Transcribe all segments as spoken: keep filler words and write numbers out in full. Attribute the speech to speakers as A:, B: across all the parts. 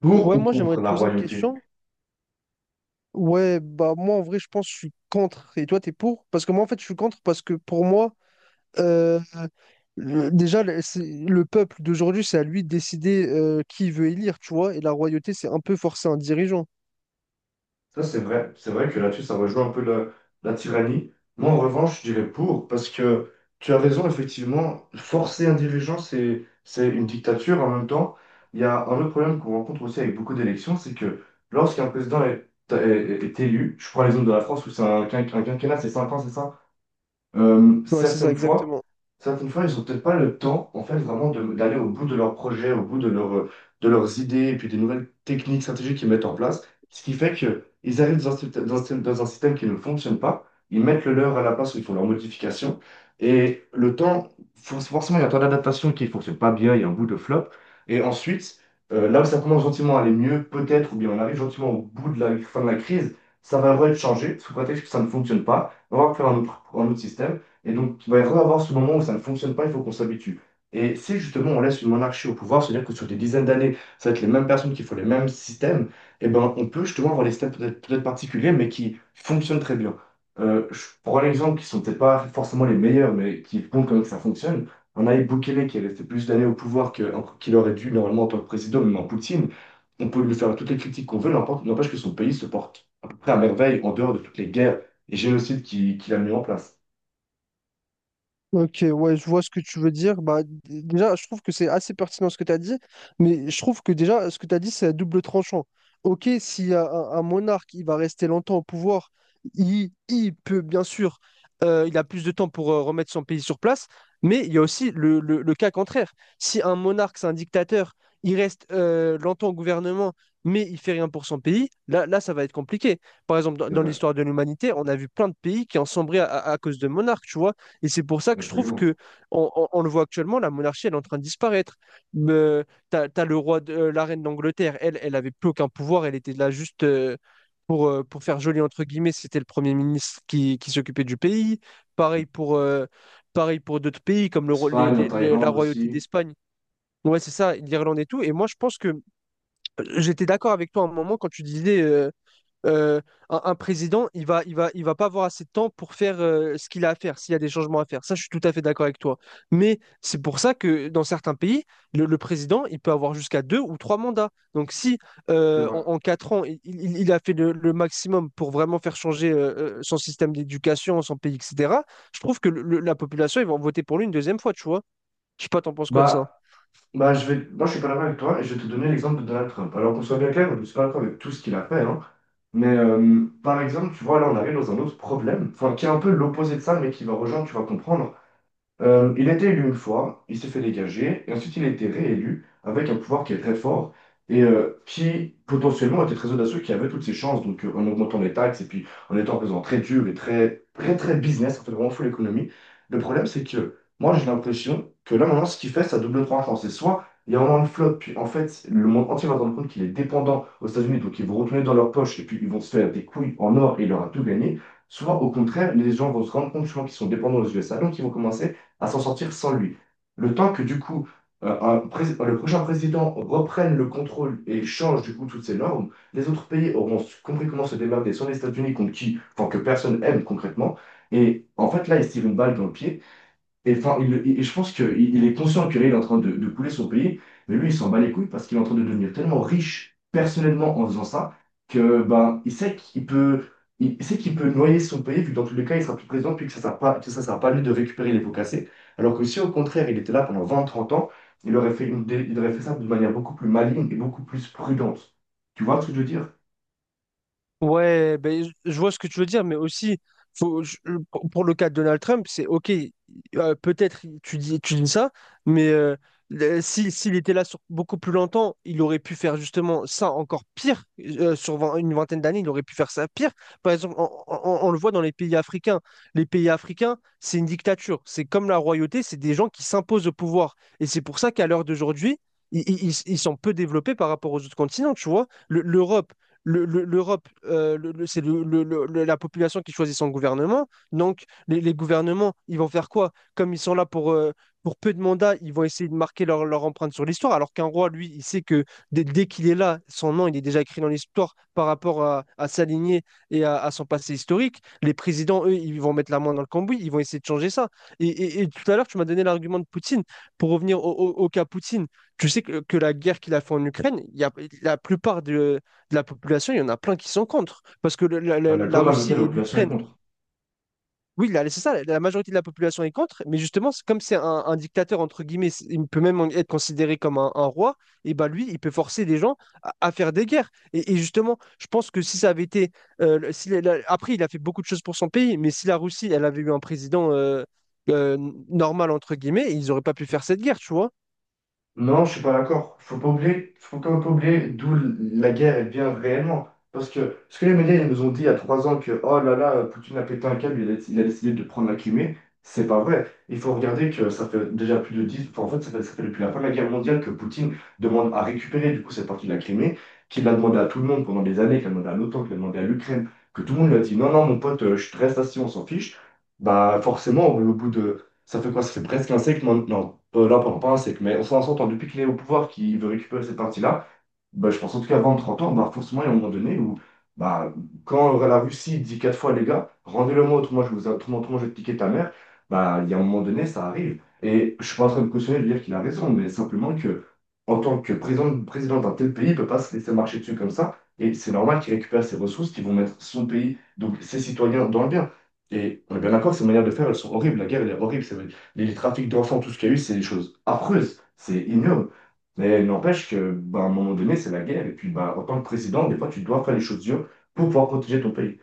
A: Pour
B: Ouais,
A: ou
B: moi j'aimerais
A: contre
B: te
A: la
B: poser une
A: royauté.
B: question. Ouais, bah moi en vrai je pense que je suis contre et toi t'es pour. Parce que moi en fait je suis contre parce que pour moi, euh, le- déjà le c'est- le peuple d'aujourd'hui c'est à lui de décider euh, qui il veut élire, tu vois, et la royauté c'est un peu forcer un dirigeant.
A: Ça, c'est vrai. C'est vrai que là-dessus, ça rejoint un peu la, la tyrannie. Moi, en revanche, je dirais pour, parce que tu as raison, effectivement, forcer un dirigeant, c'est, c'est une dictature. En même temps, il y a un autre problème qu'on rencontre aussi avec beaucoup d'élections, c'est que lorsqu'un président est, est- est élu, je prends l'exemple de la France où c'est un, quin- un quinquennat, c'est cinq ans, c'est ça? Euh,
B: Ouais, c'est ça
A: certaines fois,
B: exactement.
A: certaines fois, ils n'ont peut-être pas le temps, en fait, vraiment de- d'aller au bout de leurs projets, au bout de, leur- de leurs idées, et puis des nouvelles techniques, stratégies qu'ils mettent en place. Ce qui fait qu'ils arrivent dans un, syst- dans un système dans un système qui ne fonctionne pas, ils mettent le leur à la place où ils font leurs modifications. Et le temps, for- forcément, il y a un temps d'adaptation qui ne fonctionne pas bien, il y a un bout de flop. Et ensuite, euh, là où ça commence gentiment à aller mieux, peut-être, ou bien on arrive gentiment au bout de la fin de la crise, ça va vraiment être changé, sous prétexte que ça ne fonctionne pas. On va faire un autre, un autre système. Et donc, il va y avoir ce moment où ça ne fonctionne pas, il faut qu'on s'habitue. Et si justement on laisse une monarchie au pouvoir, c'est-à-dire que sur des dizaines d'années, ça va être les mêmes personnes qui font les mêmes systèmes, eh ben, on peut justement avoir des systèmes peut-être peut-être particuliers, mais qui fonctionnent très bien. Euh, je prends un exemple qui sont peut-être pas forcément les meilleurs, mais qui font quand même que ça fonctionne. On a Bukele qui est resté plus d'années au pouvoir que- qu'il aurait dû normalement en tant que président, même en Poutine. On peut lui faire toutes les critiques qu'on veut, n'importe- n'empêche que son pays se porte à peu près à merveille en dehors de toutes les guerres et j'ai le site qui, qui l'a mis en place.
B: Ok, ouais, je vois ce que tu veux dire. Bah, d- déjà, je trouve que c'est assez pertinent ce que tu as dit, mais je trouve que déjà, ce que tu as dit, c'est à double tranchant. Ok, si un, un monarque, il va rester longtemps au pouvoir, il, il peut, bien sûr, euh, il a plus de temps pour euh, remettre son pays sur place, mais il y a aussi le, le- le cas contraire. Si un monarque, c'est un dictateur, il reste euh, longtemps au gouvernement, mais il fait rien pour son pays, là, là, ça va être compliqué. Par exemple, dans,
A: C'est
B: dans
A: vrai,
B: l'histoire de l'humanité, on a vu plein de pays qui ont sombré à à- à cause de monarques, tu vois. Et c'est pour ça que je trouve
A: absolument.
B: que on, on- on le voit actuellement, la monarchie, elle est en train de disparaître. Mais, t'as, t'as le roi de, euh, la reine d'Angleterre, elle, elle avait plus aucun pouvoir, elle était là juste euh, pour, euh, pour faire joli entre guillemets, c'était le premier ministre qui, qui s'occupait du pays. Pareil pour, euh, pareil pour d'autres pays comme le, ro- les-
A: Espagne, en
B: les- les- la
A: Thaïlande
B: royauté
A: aussi,
B: d'Espagne. Ouais, c'est ça, l'Irlande et tout. Et moi, je pense que euh, j'étais d'accord avec toi à un moment quand tu disais euh, euh, un, un président, il va, il va, il va pas avoir assez de temps pour faire euh, ce qu'il a à faire, s'il y a des changements à faire. Ça, je suis tout à fait d'accord avec toi. Mais c'est pour ça que dans certains pays, le, le président, il peut avoir jusqu'à deux ou trois mandats. Donc si
A: c'est
B: euh,
A: vrai.
B: en, en quatre ans, il, il- il a fait le, le maximum pour vraiment faire changer euh, euh, son système d'éducation, son pays, et cetera, je trouve que le- le- la population, ils vont voter pour lui une deuxième fois, tu vois. Je sais pas, t'en penses quoi de ça?
A: Bah, bah je vais... Moi, je suis pas d'accord avec toi et je vais te donner l'exemple de Donald Trump. Alors qu'on soit bien clair, je ne suis pas d'accord avec tout ce qu'il a fait, hein. Mais euh, par exemple, tu vois, là, on arrive dans un autre problème, enfin, qui est un peu l'opposé de ça, mais qui va rejoindre, tu vas comprendre. Euh, il a été élu une fois, il s'est fait dégager, et ensuite il a été réélu avec un pouvoir qui est très fort et euh, qui potentiellement était très audacieux, qui avait toutes ses chances, donc euh, en augmentant les taxes et puis en étant présent très dur et très très très business, en fait vraiment full économie. Le problème c'est que moi j'ai l'impression que là maintenant ce qu'il fait, ça double tranchant. C'est soit il y a vraiment une flotte, puis en fait le monde entier va se rendre compte qu'il est dépendant aux États-Unis, donc ils vont retourner dans leur poche et puis ils vont se faire des couilles en or et il aura tout gagné. Soit au contraire, les gens vont se rendre compte justement qu'ils sont dépendants aux U S A, donc ils vont commencer à s'en sortir sans lui. Le temps que du coup euh, un pré- le prochain président reprenne le contrôle et change du coup toutes ces normes, les autres pays auront compris comment se démerder sans les États-Unis contre qui, enfin que personne aime concrètement. Et en fait là, ils se tirent une balle dans le pied. Et, enfin, il- il- je pense qu'il il est conscient que là, il est en train de, de couler son pays, mais lui, il s'en bat les couilles parce qu'il est en train de devenir tellement riche personnellement en faisant ça que ben, il sait qu'il peut, il sait qu'il peut noyer son pays, vu que dans tous les cas, il sera plus président, puis que ça ne sert pas, que ça sert pas à lui de récupérer les pots cassés. Alors que si au contraire, il était là pendant vingt trente ans, il aurait fait, une dé- il aurait fait ça de manière beaucoup plus maligne et beaucoup plus prudente. Tu vois ce que je veux dire?
B: Ouais, ben, je je vois ce que tu veux dire, mais aussi, faut, je- je- pour pour le cas de Donald Trump, c'est OK, euh, peut-être tu dis, tu dis ça, mais euh, le- si, s'il était là sur beaucoup plus longtemps, il aurait pu faire justement ça encore pire. euh, sur vingt- une vingtaine d'années, il aurait pu faire ça pire. Par exemple, on, on- on- on le voit dans les pays africains. Les pays africains, c'est une dictature. C'est comme la royauté, c'est des gens qui s'imposent au pouvoir. Et c'est pour ça qu'à l'heure d'aujourd'hui, i- Ils, ils sont peu développés par rapport aux autres continents, tu vois. Le- L'Europe, le- le- l'Europe, euh, le- le- c'est le- le- le- le- la population qui choisit son gouvernement. Donc, les, les gouvernements, ils vont faire quoi? Comme ils sont là pour, euh, pour peu de mandats, ils vont essayer de marquer leur, leur empreinte sur l'histoire. Alors qu'un roi, lui, il sait que dès, dès qu'il est là, son nom, il est déjà écrit dans l'histoire par rapport à, à sa lignée et à, à son passé historique. Les présidents, eux, ils vont mettre la main dans le cambouis, ils vont essayer de changer ça. Et, et- et tout à l'heure, tu m'as donné l'argument de Poutine. Pour revenir au, au- au cas Poutine, tu sais que, que la guerre qu'il a fait en Ukraine, il y a, la plupart de, de la population, il y en a plein qui sont contre. Parce que le- la,
A: Ouais,
B: la-
A: comme d'accord.
B: la Russie
A: Majorité de la
B: et
A: population est
B: l'Ukraine,
A: contre.
B: oui, là, c'est ça, la, la majorité de la population est contre, mais justement, c'est- comme c'est un, un dictateur, entre guillemets, c'est- il peut même être considéré comme un, un roi, et bah lui, il peut forcer les gens à, à faire des guerres. Et, et justement, je pense que si ça avait été. Euh, le- si la- la- après, il a fait beaucoup de choses pour son pays, mais si la Russie, elle avait eu un président euh, euh, normal, entre guillemets, ils n'auraient pas pu faire cette guerre, tu vois.
A: Non, je suis pas d'accord. Faut pas oublier, faut pas oublier d'où la guerre elle vient réellement. Parce que ce que les médias ils nous ont dit il y a trois ans que oh là là, Poutine a pété un câble, il a, il a décidé de prendre la Crimée, c'est pas vrai. Il faut regarder que ça fait déjà plus de dix, enfin, en fait, ça fait, ça fait depuis la fin de la guerre mondiale que Poutine demande à récupérer du coup cette partie de la Crimée, qu'il l'a demandé à tout le monde pendant des années, qu'il a demandé à l'O T A N, qu'il a demandé à l'Ukraine, que tout le monde lui a dit non, non, mon pote, euh, je te reste assis, on s'en fiche. Bah forcément, au bout de. Ça fait quoi? Ça fait presque un siècle maintenant. euh, là, pendant pas, c'est que, mais on s'en entend depuis qu'il est au pouvoir, qu'il veut récupérer cette partie-là, bah, je pense en tout cas avant trente ans, bah, forcément, il y a un moment donné où, bah, quand la Russie dit quatre fois, les gars, rendez-le-moi, autrement, je vous, autrement, autrement, je vais te piquer ta mère, bah, il y a un moment donné, ça arrive. Et je suis pas en train de cautionner de dire qu'il a raison, mais simplement que en tant que président, président d'un tel pays, il ne peut pas se laisser marcher dessus comme ça. Et c'est normal qu'il récupère ses ressources qu'ils vont mettre son pays, donc ses citoyens, dans le bien. Et on est bien d'accord, que ces manières de faire, elles sont horribles. La guerre, elle est horrible. C'est- Les, les trafics d'enfants, tout ce qu'il y a eu, c'est des choses affreuses. C'est ignoble. Mais il n'empêche que, bah, à un moment donné, c'est la guerre. Et puis, bah, en tant que président, des fois, tu dois faire les choses dures pour pouvoir protéger ton pays.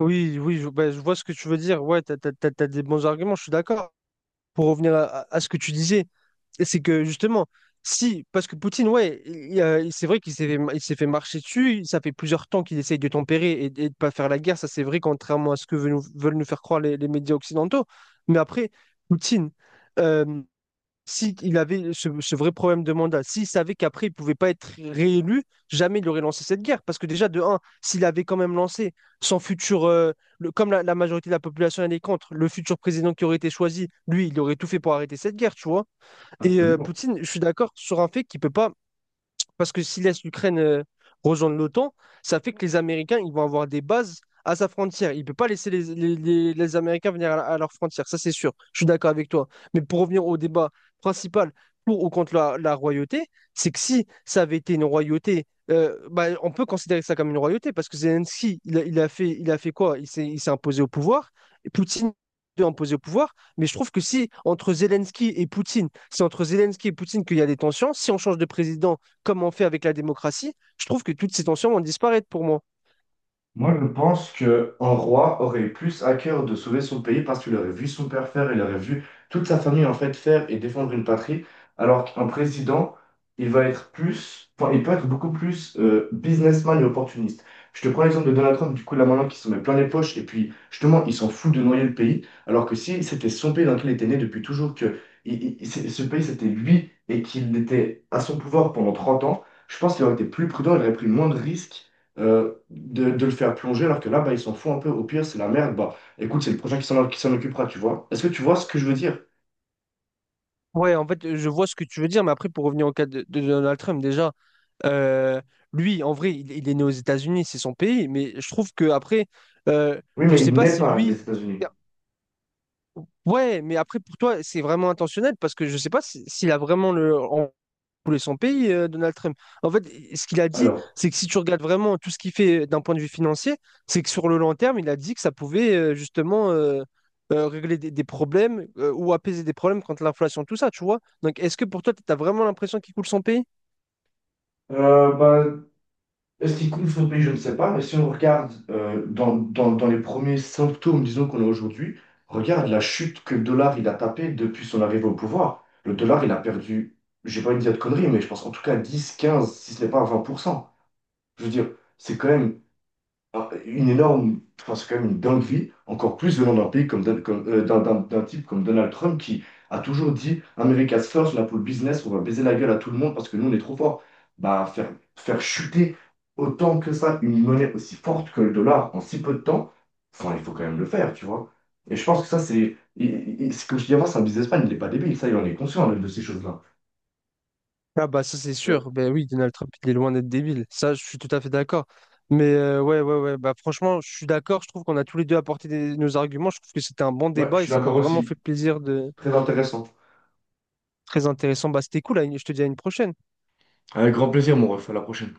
B: Oui, oui, je, bah, je vois ce que tu veux dire. Ouais, t'as, t'as- t'as- t'as des bons arguments, je suis d'accord. Pour revenir à, à- à ce que tu disais, c'est que justement, si, parce que Poutine, ouais, il- il a- il- c'est vrai qu'il s'est fait, il s'est fait marcher dessus, ça fait plusieurs temps qu'il essaye de tempérer et, et de ne pas faire la guerre, ça c'est vrai, contrairement à ce que veulent nous, veulent nous faire croire les, les médias occidentaux. Mais après, Poutine, euh, si il avait ce, ce vrai problème de mandat, s'il savait qu'après il pouvait pas être réélu, jamais il aurait lancé cette guerre. Parce que déjà, de un, s'il avait quand même lancé son futur, euh, le- comme la, la majorité de la population elle est contre, le futur président qui aurait été choisi, lui, il aurait tout fait pour arrêter cette guerre, tu vois. Et euh,
A: Absolument.
B: Poutine, je suis d'accord sur un fait qu'il peut pas parce que s'il laisse l'Ukraine euh, rejoindre l'OTAN, ça fait que les Américains, ils vont avoir des bases à sa frontière. Il ne peut pas laisser les, les- les- les Américains venir à, à leur frontière, ça c'est sûr. Je suis d'accord avec toi. Mais pour revenir au débat principal pour ou contre la, la royauté, c'est que si ça avait été une royauté, euh, bah, on peut considérer ça comme une royauté parce que Zelensky, il a, il a fait, il a fait quoi? Il s'est il s'est imposé au pouvoir. Et Poutine est imposé au pouvoir. Mais je trouve que si entre Zelensky et Poutine, c'est entre Zelensky et Poutine qu'il y a des tensions, si on change de président, comme on fait avec la démocratie, je trouve que toutes ces tensions vont disparaître pour moi.
A: Moi, je pense que un roi aurait plus à cœur de sauver son pays parce qu'il aurait vu son père faire, il aurait vu toute sa famille en fait faire et défendre une patrie, alors qu'un président, il va être plus, enfin, il peut être beaucoup plus euh, businessman et opportuniste. Je te prends l'exemple de Donald Trump, du coup, là maintenant, qui se met plein les poches et puis justement, il s'en fout de noyer le pays, alors que si c'était son pays dans lequel il était né depuis toujours, que il- il- c'est- ce pays c'était lui et qu'il était à son pouvoir pendant trente ans, je pense qu'il aurait été plus prudent, il aurait pris moins de risques euh, de, de le faire plonger, alors que là, bah, ils s'en foutent un peu. Au pire, c'est la merde. Bah, écoute, c'est le prochain qui s'en qui s'en occupera, tu vois. Est-ce que tu vois ce que je veux dire?
B: Ouais, en fait, je vois ce que tu veux dire, mais après, pour revenir au cas de, de Donald Trump, déjà, euh, lui, en vrai, il, il est né aux États-Unis, c'est son pays, mais je trouve que après, euh,
A: Oui,
B: je ne
A: mais
B: sais
A: il
B: pas
A: n'est
B: si
A: pas les
B: lui,
A: États-Unis.
B: ouais, mais après, pour toi, c'est vraiment intentionnel parce que je sais pas si- s'il a vraiment le... en- voulait son pays, euh, Donald Trump. En fait, ce qu'il a dit,
A: Alors,
B: c'est que si tu regardes vraiment tout ce qu'il fait euh, d'un point de vue financier, c'est que sur le long terme, il a dit que ça pouvait euh, justement euh, euh, régler des, des problèmes euh, ou apaiser des problèmes contre l'inflation, tout ça, tu vois. Donc, est-ce que pour toi, tu as vraiment l'impression qu'il coule son pays?
A: euh, bah, est-ce qu'il coule son pays? Je ne sais pas. Mais si on regarde euh, dans, dans, dans les premiers symptômes, disons, qu'on a aujourd'hui, regarde la chute que le dollar il a tapé depuis son arrivée au pouvoir. Le dollar, il a perdu, j'ai pas envie de dire de conneries, mais je pense en tout cas dix quinze si ce n'est pas vingt pour cent. Je veux dire, c'est quand même. Alors, une énorme, enfin, c'est quand même une dinguerie, encore plus venant d'un pays comme, Don- comme, euh, d'un d'un- d'un type comme Donald Trump qui a toujours dit America's first, là pour le business, on va baiser la gueule à tout le monde parce que nous on est trop fort. Bah, faire, faire chuter autant que ça une monnaie aussi forte que le dollar en si peu de temps, enfin, il faut quand même le faire, tu vois. Et je pense que ça, c'est, il- il- il- c'est comme je dis avant, c'est un businessman, il n'est pas débile, ça, il en est conscient de de ces choses-là.
B: Ah bah ça c'est
A: Euh,
B: sûr, ben oui, Donald Trump il est loin d'être débile, ça je suis tout à fait d'accord. Mais euh, ouais, ouais, ouais, bah franchement je suis d'accord, je trouve qu'on a tous les deux apporté des- nos arguments, je trouve que c'était un bon
A: Ouais, je
B: débat et
A: suis
B: ça m'a
A: d'accord
B: vraiment fait
A: aussi.
B: plaisir de...
A: Très intéressant.
B: Très intéressant, bah c'était cool, à une- je te dis à une prochaine.
A: Avec grand plaisir, mon ref, à la prochaine.